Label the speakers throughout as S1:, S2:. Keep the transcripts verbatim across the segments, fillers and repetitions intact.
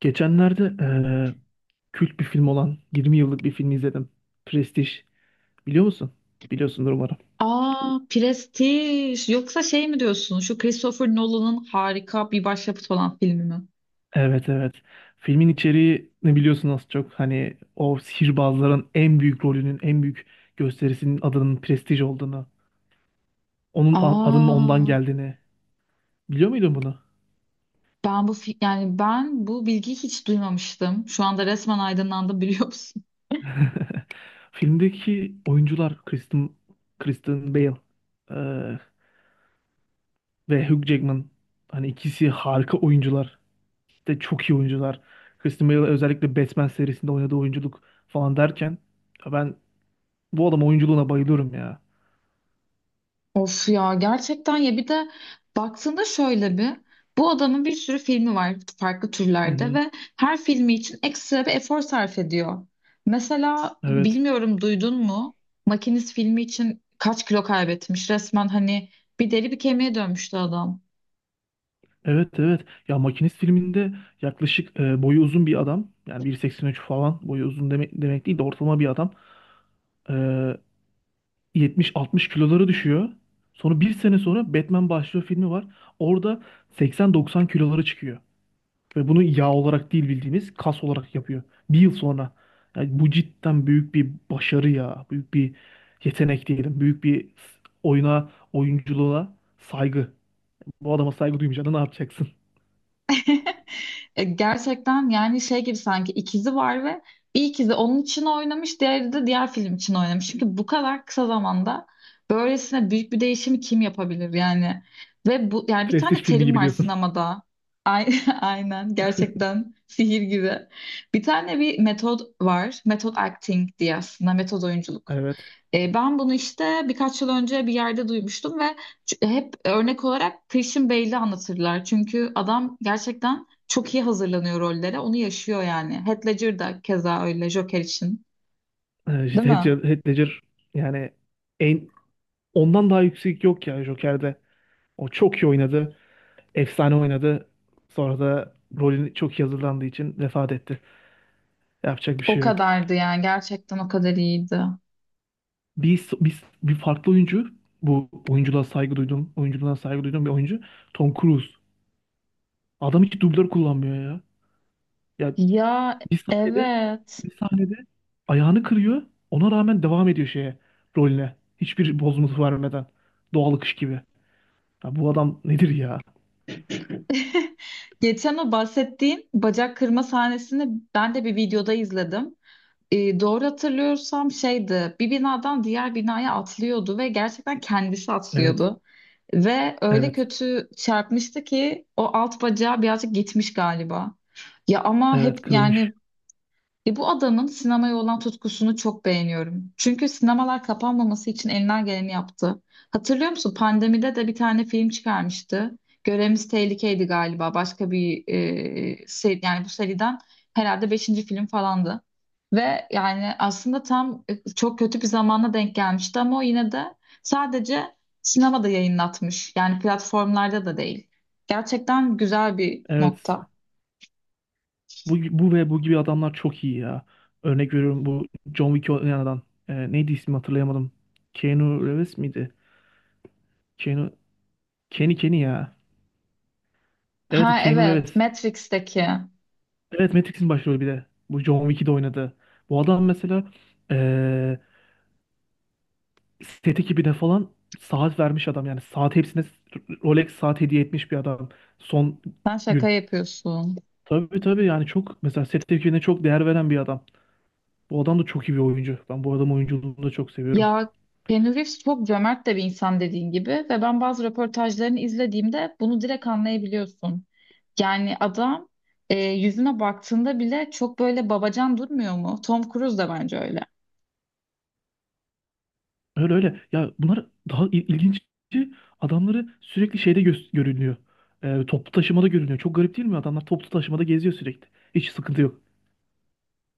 S1: Geçenlerde eee kült bir film olan yirmi yıllık bir film izledim. Prestige. Biliyor musun? Biliyorsundur umarım.
S2: Aa, Prestij. Yoksa şey mi diyorsun? Şu Christopher Nolan'ın harika bir başyapıt olan filmi mi?
S1: Evet, evet. Filmin içeriği ne biliyorsun az çok. Hani o sihirbazların en büyük rolünün, en büyük gösterisinin adının Prestige olduğunu, onun a- adının ondan
S2: Aa,
S1: geldiğini. Biliyor muydun bunu?
S2: ben bu fi- yani ben bu bilgiyi hiç duymamıştım. Şu anda resmen aydınlandım biliyor musun?
S1: Filmdeki oyuncular Kristen, Kristen Bale eee, ve Hugh Jackman. Hani ikisi harika oyuncular. İşte çok iyi oyuncular. Christian Bale özellikle Batman serisinde oynadığı oyunculuk falan derken ya ben bu adam oyunculuğuna bayılıyorum ya.
S2: Of ya gerçekten ya bir de baktığında şöyle bir bu adamın bir sürü filmi var farklı
S1: Hı
S2: türlerde
S1: hı.
S2: ve her filmi için ekstra bir efor sarf ediyor. Mesela
S1: Evet.
S2: bilmiyorum duydun mu Makinist filmi için kaç kilo kaybetmiş resmen hani bir deri bir kemiğe dönmüştü adam.
S1: Evet, evet. Ya Makinist filminde yaklaşık e, boyu uzun bir adam. Yani bir seksen üç falan boyu uzun demek, demek değil de ortalama bir adam. E, yetmiş altmış kiloları düşüyor. Sonra bir sene sonra Batman başlıyor filmi var. Orada seksen doksan kiloları çıkıyor. Ve bunu yağ olarak değil bildiğiniz kas olarak yapıyor. Bir yıl sonra. Yani bu cidden büyük bir başarı ya. Büyük bir yetenek diyelim. Büyük bir oyuna, oyunculuğa saygı. Bu adama saygı duymayacağına ne yapacaksın?
S2: E, Gerçekten yani şey gibi sanki ikizi var ve bir ikizi onun için oynamış, diğeri de diğer film için oynamış. Çünkü bu kadar kısa zamanda böylesine büyük bir değişimi kim yapabilir yani? Ve bu yani bir
S1: Prestij
S2: tane
S1: filmi
S2: terim
S1: gibi
S2: var
S1: diyorsun.
S2: sinemada. Ay- Aynen gerçekten sihir gibi. Bir tane bir metod var. Metod acting diye aslında metod oyunculuk.
S1: Evet.
S2: E, ben bunu işte birkaç yıl önce bir yerde duymuştum ve Ç- hep örnek olarak Christian Bale'i anlatırlar. Çünkü adam gerçekten çok iyi hazırlanıyor rollere. Onu yaşıyor yani. Heath Ledger da keza öyle Joker için.
S1: Ee,
S2: Değil
S1: Heath
S2: mi?
S1: Ledger, Heath Ledger yani en ondan daha yüksek yok ya Joker'de. O çok iyi oynadı. Efsane oynadı. Sonra da rolünü çok iyi hazırlandığı için vefat etti. Yapacak bir
S2: O
S1: şey yok.
S2: kadardı yani. Gerçekten o kadar iyiydi.
S1: Biz, biz bir farklı oyuncu bu oyunculuğa saygı duydum. Oyunculuğuna saygı duyduğum bir oyuncu Tom Cruise. Adam hiç dublör kullanmıyor ya. Ya
S2: Ya,
S1: bir sahnede
S2: evet.
S1: bir sahnede ayağını kırıyor. Ona rağmen devam ediyor şeye rolüne. Hiçbir bozuntu vermeden. Doğal akış gibi. Ya bu adam nedir ya?
S2: Geçen o bahsettiğin bacak kırma sahnesini ben de bir videoda izledim. E, doğru hatırlıyorsam şeydi, bir binadan diğer binaya atlıyordu ve gerçekten kendisi
S1: Evet,
S2: atlıyordu. Ve öyle
S1: evet,
S2: kötü çarpmıştı ki o alt bacağı birazcık gitmiş galiba. Ya ama hep
S1: evet kırılmış.
S2: yani e bu adamın sinemaya olan tutkusunu çok beğeniyorum. Çünkü sinemalar kapanmaması için elinden geleni yaptı. Hatırlıyor musun? Pandemide de bir tane film çıkarmıştı. Görevimiz Tehlikeydi galiba. Başka bir e, seri, yani bu seriden herhalde beşinci film falandı. Ve yani aslında tam e, çok kötü bir zamana denk gelmişti ama o yine de sadece sinemada yayınlatmış. Yani platformlarda da değil. Gerçekten güzel bir
S1: Evet.
S2: nokta.
S1: Bu, bu ve bu gibi adamlar çok iyi ya. Örnek veriyorum bu John Wick oynayan adam. Ee, neydi ismi hatırlayamadım. Keanu Reeves miydi? Keanu... Kenny Kenny ya. Evet,
S2: Ha,
S1: Keanu
S2: evet,
S1: Reeves.
S2: Matrix'teki.
S1: Evet, Matrix'in başrolü bir de. Bu John Wick'i de oynadı. Bu adam mesela ee, set ekibine falan saat vermiş adam. Yani saat hepsine Rolex saat hediye etmiş bir adam. Son
S2: Sen şaka
S1: gün.
S2: yapıyorsun.
S1: Tabii, tabii, yani çok mesela set ekibine çok değer veren bir adam. Bu adam da çok iyi bir oyuncu. Ben bu adam oyunculuğunu da çok seviyorum.
S2: Ya, Keanu Reeves çok cömert de bir insan dediğin gibi ve ben bazı röportajlarını izlediğimde bunu direkt anlayabiliyorsun. Yani adam e, yüzüne baktığında bile çok böyle babacan durmuyor mu? Tom Cruise da bence öyle.
S1: Öyle öyle. Ya bunlar daha il- ilginci adamları sürekli şeyde gö- görünüyor. Ee, toplu taşımada görünüyor. Çok garip değil mi? Adamlar toplu taşımada geziyor sürekli. Hiç sıkıntı yok.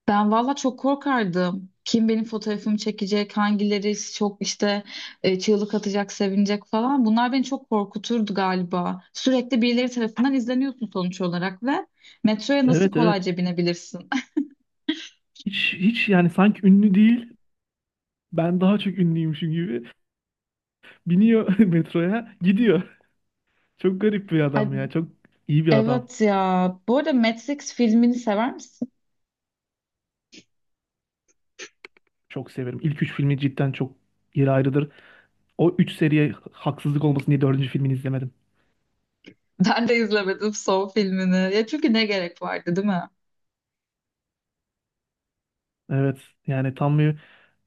S2: Ben valla çok korkardım. Kim benim fotoğrafımı çekecek, hangileri çok işte e, çığlık atacak, sevinecek falan. Bunlar beni çok korkuturdu galiba. Sürekli birileri tarafından izleniyorsun sonuç olarak ve metroya nasıl
S1: Evet, evet.
S2: kolayca binebilirsin?
S1: Hiç hiç yani sanki ünlü değil. Ben daha çok ünlüymüşüm gibi. Biniyor metroya gidiyor. Çok garip bir
S2: Ay,
S1: adam ya. Çok iyi bir adam.
S2: evet ya. Bu arada Matrix filmini sever misin?
S1: Çok severim. İlk üç filmi cidden çok yeri ayrıdır. O üç seriye haksızlık olmasın diye dördüncü filmini izlemedim.
S2: Ben de izlemedim son filmini. Ya çünkü ne gerek vardı, değil mi?
S1: Evet, yani tam bir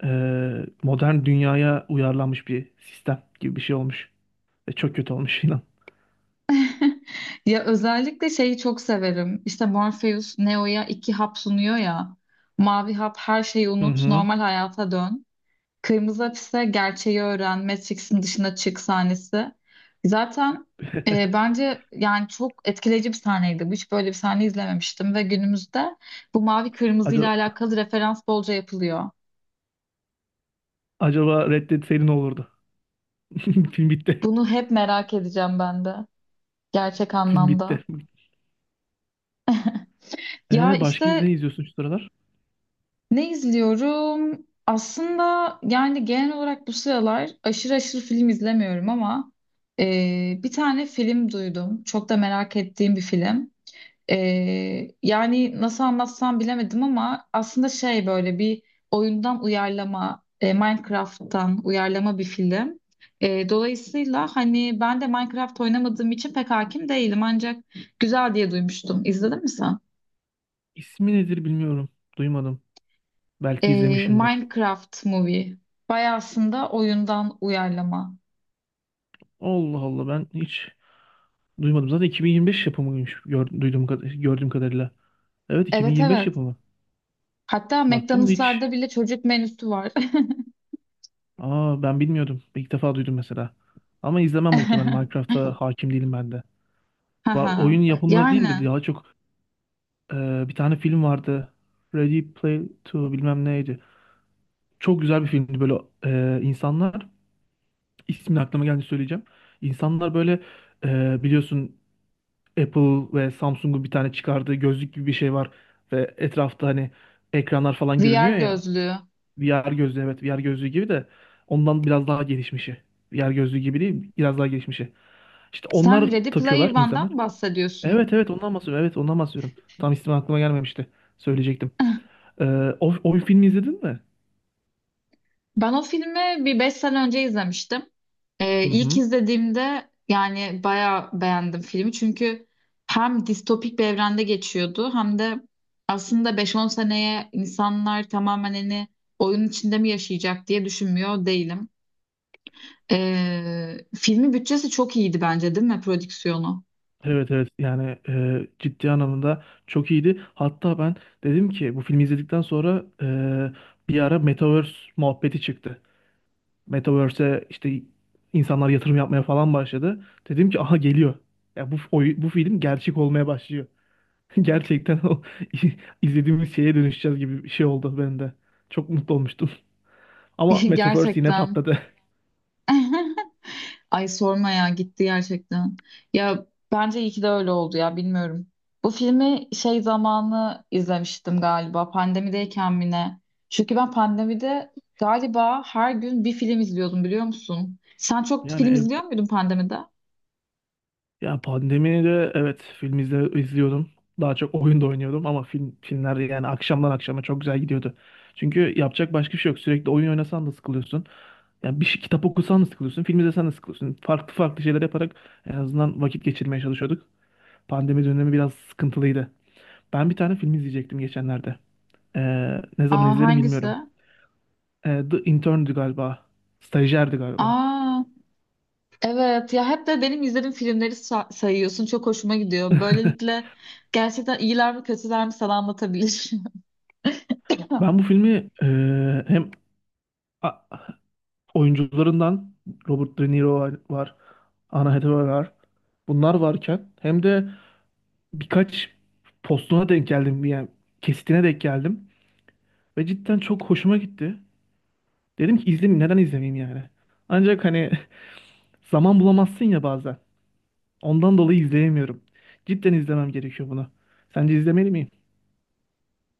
S1: e, modern dünyaya uyarlanmış bir sistem gibi bir şey olmuş. Ve çok kötü olmuş inan.
S2: Ya özellikle şeyi çok severim. İşte Morpheus Neo'ya iki hap sunuyor ya. Mavi hap her şeyi
S1: Hı
S2: unut,
S1: hı.
S2: normal hayata dön. Kırmızı Hapis'te gerçeği öğren, Matrix'in dışına çık sahnesi. Zaten e, bence yani çok etkileyici bir sahneydi. Hiç böyle bir sahne izlememiştim ve günümüzde bu mavi kırmızı ile
S1: Acaba,
S2: alakalı referans bolca yapılıyor.
S1: acaba Red Dead seri ne olurdu? Film bitti.
S2: Bunu hep merak edeceğim ben de gerçek
S1: Film
S2: anlamda.
S1: bitti.
S2: Ya
S1: E, başka ne
S2: işte
S1: izliyorsun şu sıralar?
S2: ne izliyorum? Aslında yani genel olarak bu sıralar aşırı aşırı film izlemiyorum ama e, bir tane film duydum. Çok da merak ettiğim bir film. Ee, yani nasıl anlatsam bilemedim ama aslında şey böyle bir oyundan uyarlama, e, Minecraft'tan uyarlama bir film. E, dolayısıyla hani ben de Minecraft oynamadığım için pek hakim değilim ancak güzel diye duymuştum. İzledin mi sen?
S1: İsmi nedir bilmiyorum. Duymadım. Belki
S2: E,
S1: izlemişimdir.
S2: Minecraft Movie. Bayağı aslında oyundan uyarlama.
S1: Allah Allah, ben hiç duymadım. Zaten iki bin yirmi beş yapımıymış gör- duyduğum, kad- gördüğüm kadarıyla. Evet,
S2: Evet,
S1: iki bin yirmi beş
S2: evet.
S1: yapımı.
S2: Hatta
S1: Baktım da
S2: McDonald's'larda
S1: hiç.
S2: bile çocuk menüsü var.
S1: Aa, ben bilmiyordum. İlk defa duydum mesela. Ama izlemem muhtemelen. Minecraft'a hakim değilim ben de. Va-
S2: Haha.
S1: Oyun yapımları
S2: Yani
S1: değil de daha çok e, bir tane film vardı. Ready Play iki bilmem neydi. Çok güzel bir filmdi böyle e, insanlar. İsmini aklıma geldi söyleyeceğim. İnsanlar böyle e, biliyorsun Apple ve Samsung'un bir tane çıkardığı gözlük gibi bir şey var ve etrafta hani ekranlar falan
S2: V R
S1: görünüyor ya.
S2: gözlüğü.
S1: V R gözlüğü, evet, V R gözlüğü gibi de ondan biraz daha gelişmişi. V R gözlüğü gibi değil, biraz daha gelişmişi. İşte
S2: Sen
S1: onlar
S2: Ready Player
S1: takıyorlar insanlar.
S2: One'dan bahsediyorsun.
S1: Evet, evet, ondan bahsediyorum. Evet, ondan bahsediyorum. Tam ismi aklıma gelmemişti. Söyleyecektim. Ee, o, o filmi izledin mi?
S2: Ben o filmi bir beş sene önce izlemiştim. Ee,
S1: Hı
S2: ilk
S1: hı.
S2: izlediğimde yani bayağı beğendim filmi. Çünkü hem distopik bir evrende geçiyordu hem de aslında beş on seneye insanlar tamamen hani oyun içinde mi yaşayacak diye düşünmüyor değilim. Ee, filmin bütçesi çok iyiydi bence, değil mi, prodüksiyonu?
S1: Evet, evet, yani e, ciddi anlamda çok iyiydi. Hatta ben dedim ki bu filmi izledikten sonra e, bir ara Metaverse muhabbeti çıktı. Metaverse'e işte insanlar yatırım yapmaya falan başladı. Dedim ki aha geliyor. Ya bu oy- bu film gerçek olmaya başlıyor. Gerçekten o izlediğimiz şeye dönüşeceğiz gibi bir şey oldu bende. Çok mutlu olmuştum. Ama Metaverse yine
S2: Gerçekten.
S1: patladı.
S2: Ay, sorma ya, gitti gerçekten. Ya bence iyi ki de öyle oldu ya, bilmiyorum. Bu filmi şey zamanı izlemiştim galiba, pandemideyken mi ne? Çünkü ben pandemide galiba her gün bir film izliyordum, biliyor musun? Sen çok
S1: Yani
S2: film
S1: ev,
S2: izliyor muydun pandemide?
S1: Ya pandemide, evet, film izle, izliyordum. Daha çok oyun da oynuyordum ama film filmler yani akşamdan akşama çok güzel gidiyordu. Çünkü yapacak başka bir şey yok. Sürekli oyun oynasan da sıkılıyorsun. Yani bir şey, kitap okusan da sıkılıyorsun, film izlesen de sıkılıyorsun. Farklı farklı şeyler yaparak en azından vakit geçirmeye çalışıyorduk. Pandemi dönemi biraz sıkıntılıydı. Ben bir tane film izleyecektim geçenlerde. Ee, ne zaman
S2: Aa,
S1: izlerim
S2: hangisi?
S1: bilmiyorum. Ee, The Intern'dü galiba. Stajyerdi galiba.
S2: Aa, evet ya, hep de benim izlediğim filmleri sa- sayıyorsun. Çok hoşuma gidiyor. Böylelikle gerçekten iyiler mi kötüler mi sana anlatabilir.
S1: Ben bu filmi e, hem oyuncularından Robert De Niro var, var, Anna Hathaway var. Bunlar varken hem de birkaç postuna denk geldim yani kesitine denk geldim ve cidden çok hoşuma gitti. Dedim ki izleyeyim, neden izlemeyeyim yani. Ancak hani zaman bulamazsın ya bazen. Ondan dolayı izleyemiyorum. Cidden izlemem gerekiyor bunu. Sence izlemeli miyim?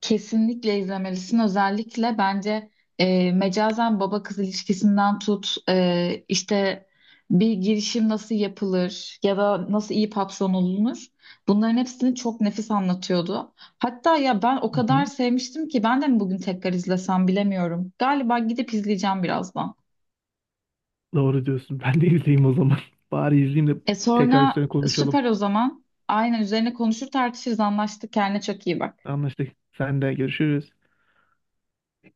S2: Kesinlikle izlemelisin. Özellikle bence e, mecazen baba kız ilişkisinden tut e, işte bir girişim nasıl yapılır ya da nasıl iyi papson olunur. Bunların hepsini çok nefis anlatıyordu. Hatta ya ben o
S1: Hı hı.
S2: kadar sevmiştim ki ben de mi bugün tekrar izlesem bilemiyorum. Galiba gidip izleyeceğim birazdan.
S1: Doğru diyorsun. Ben de izleyeyim o zaman. Bari izleyeyim de
S2: E
S1: tekrar
S2: sonra
S1: üstüne konuşalım.
S2: süper o zaman. Aynen, üzerine konuşur tartışırız, anlaştık. Kendine çok iyi bak.
S1: Anlaştık. Sen de görüşürüz.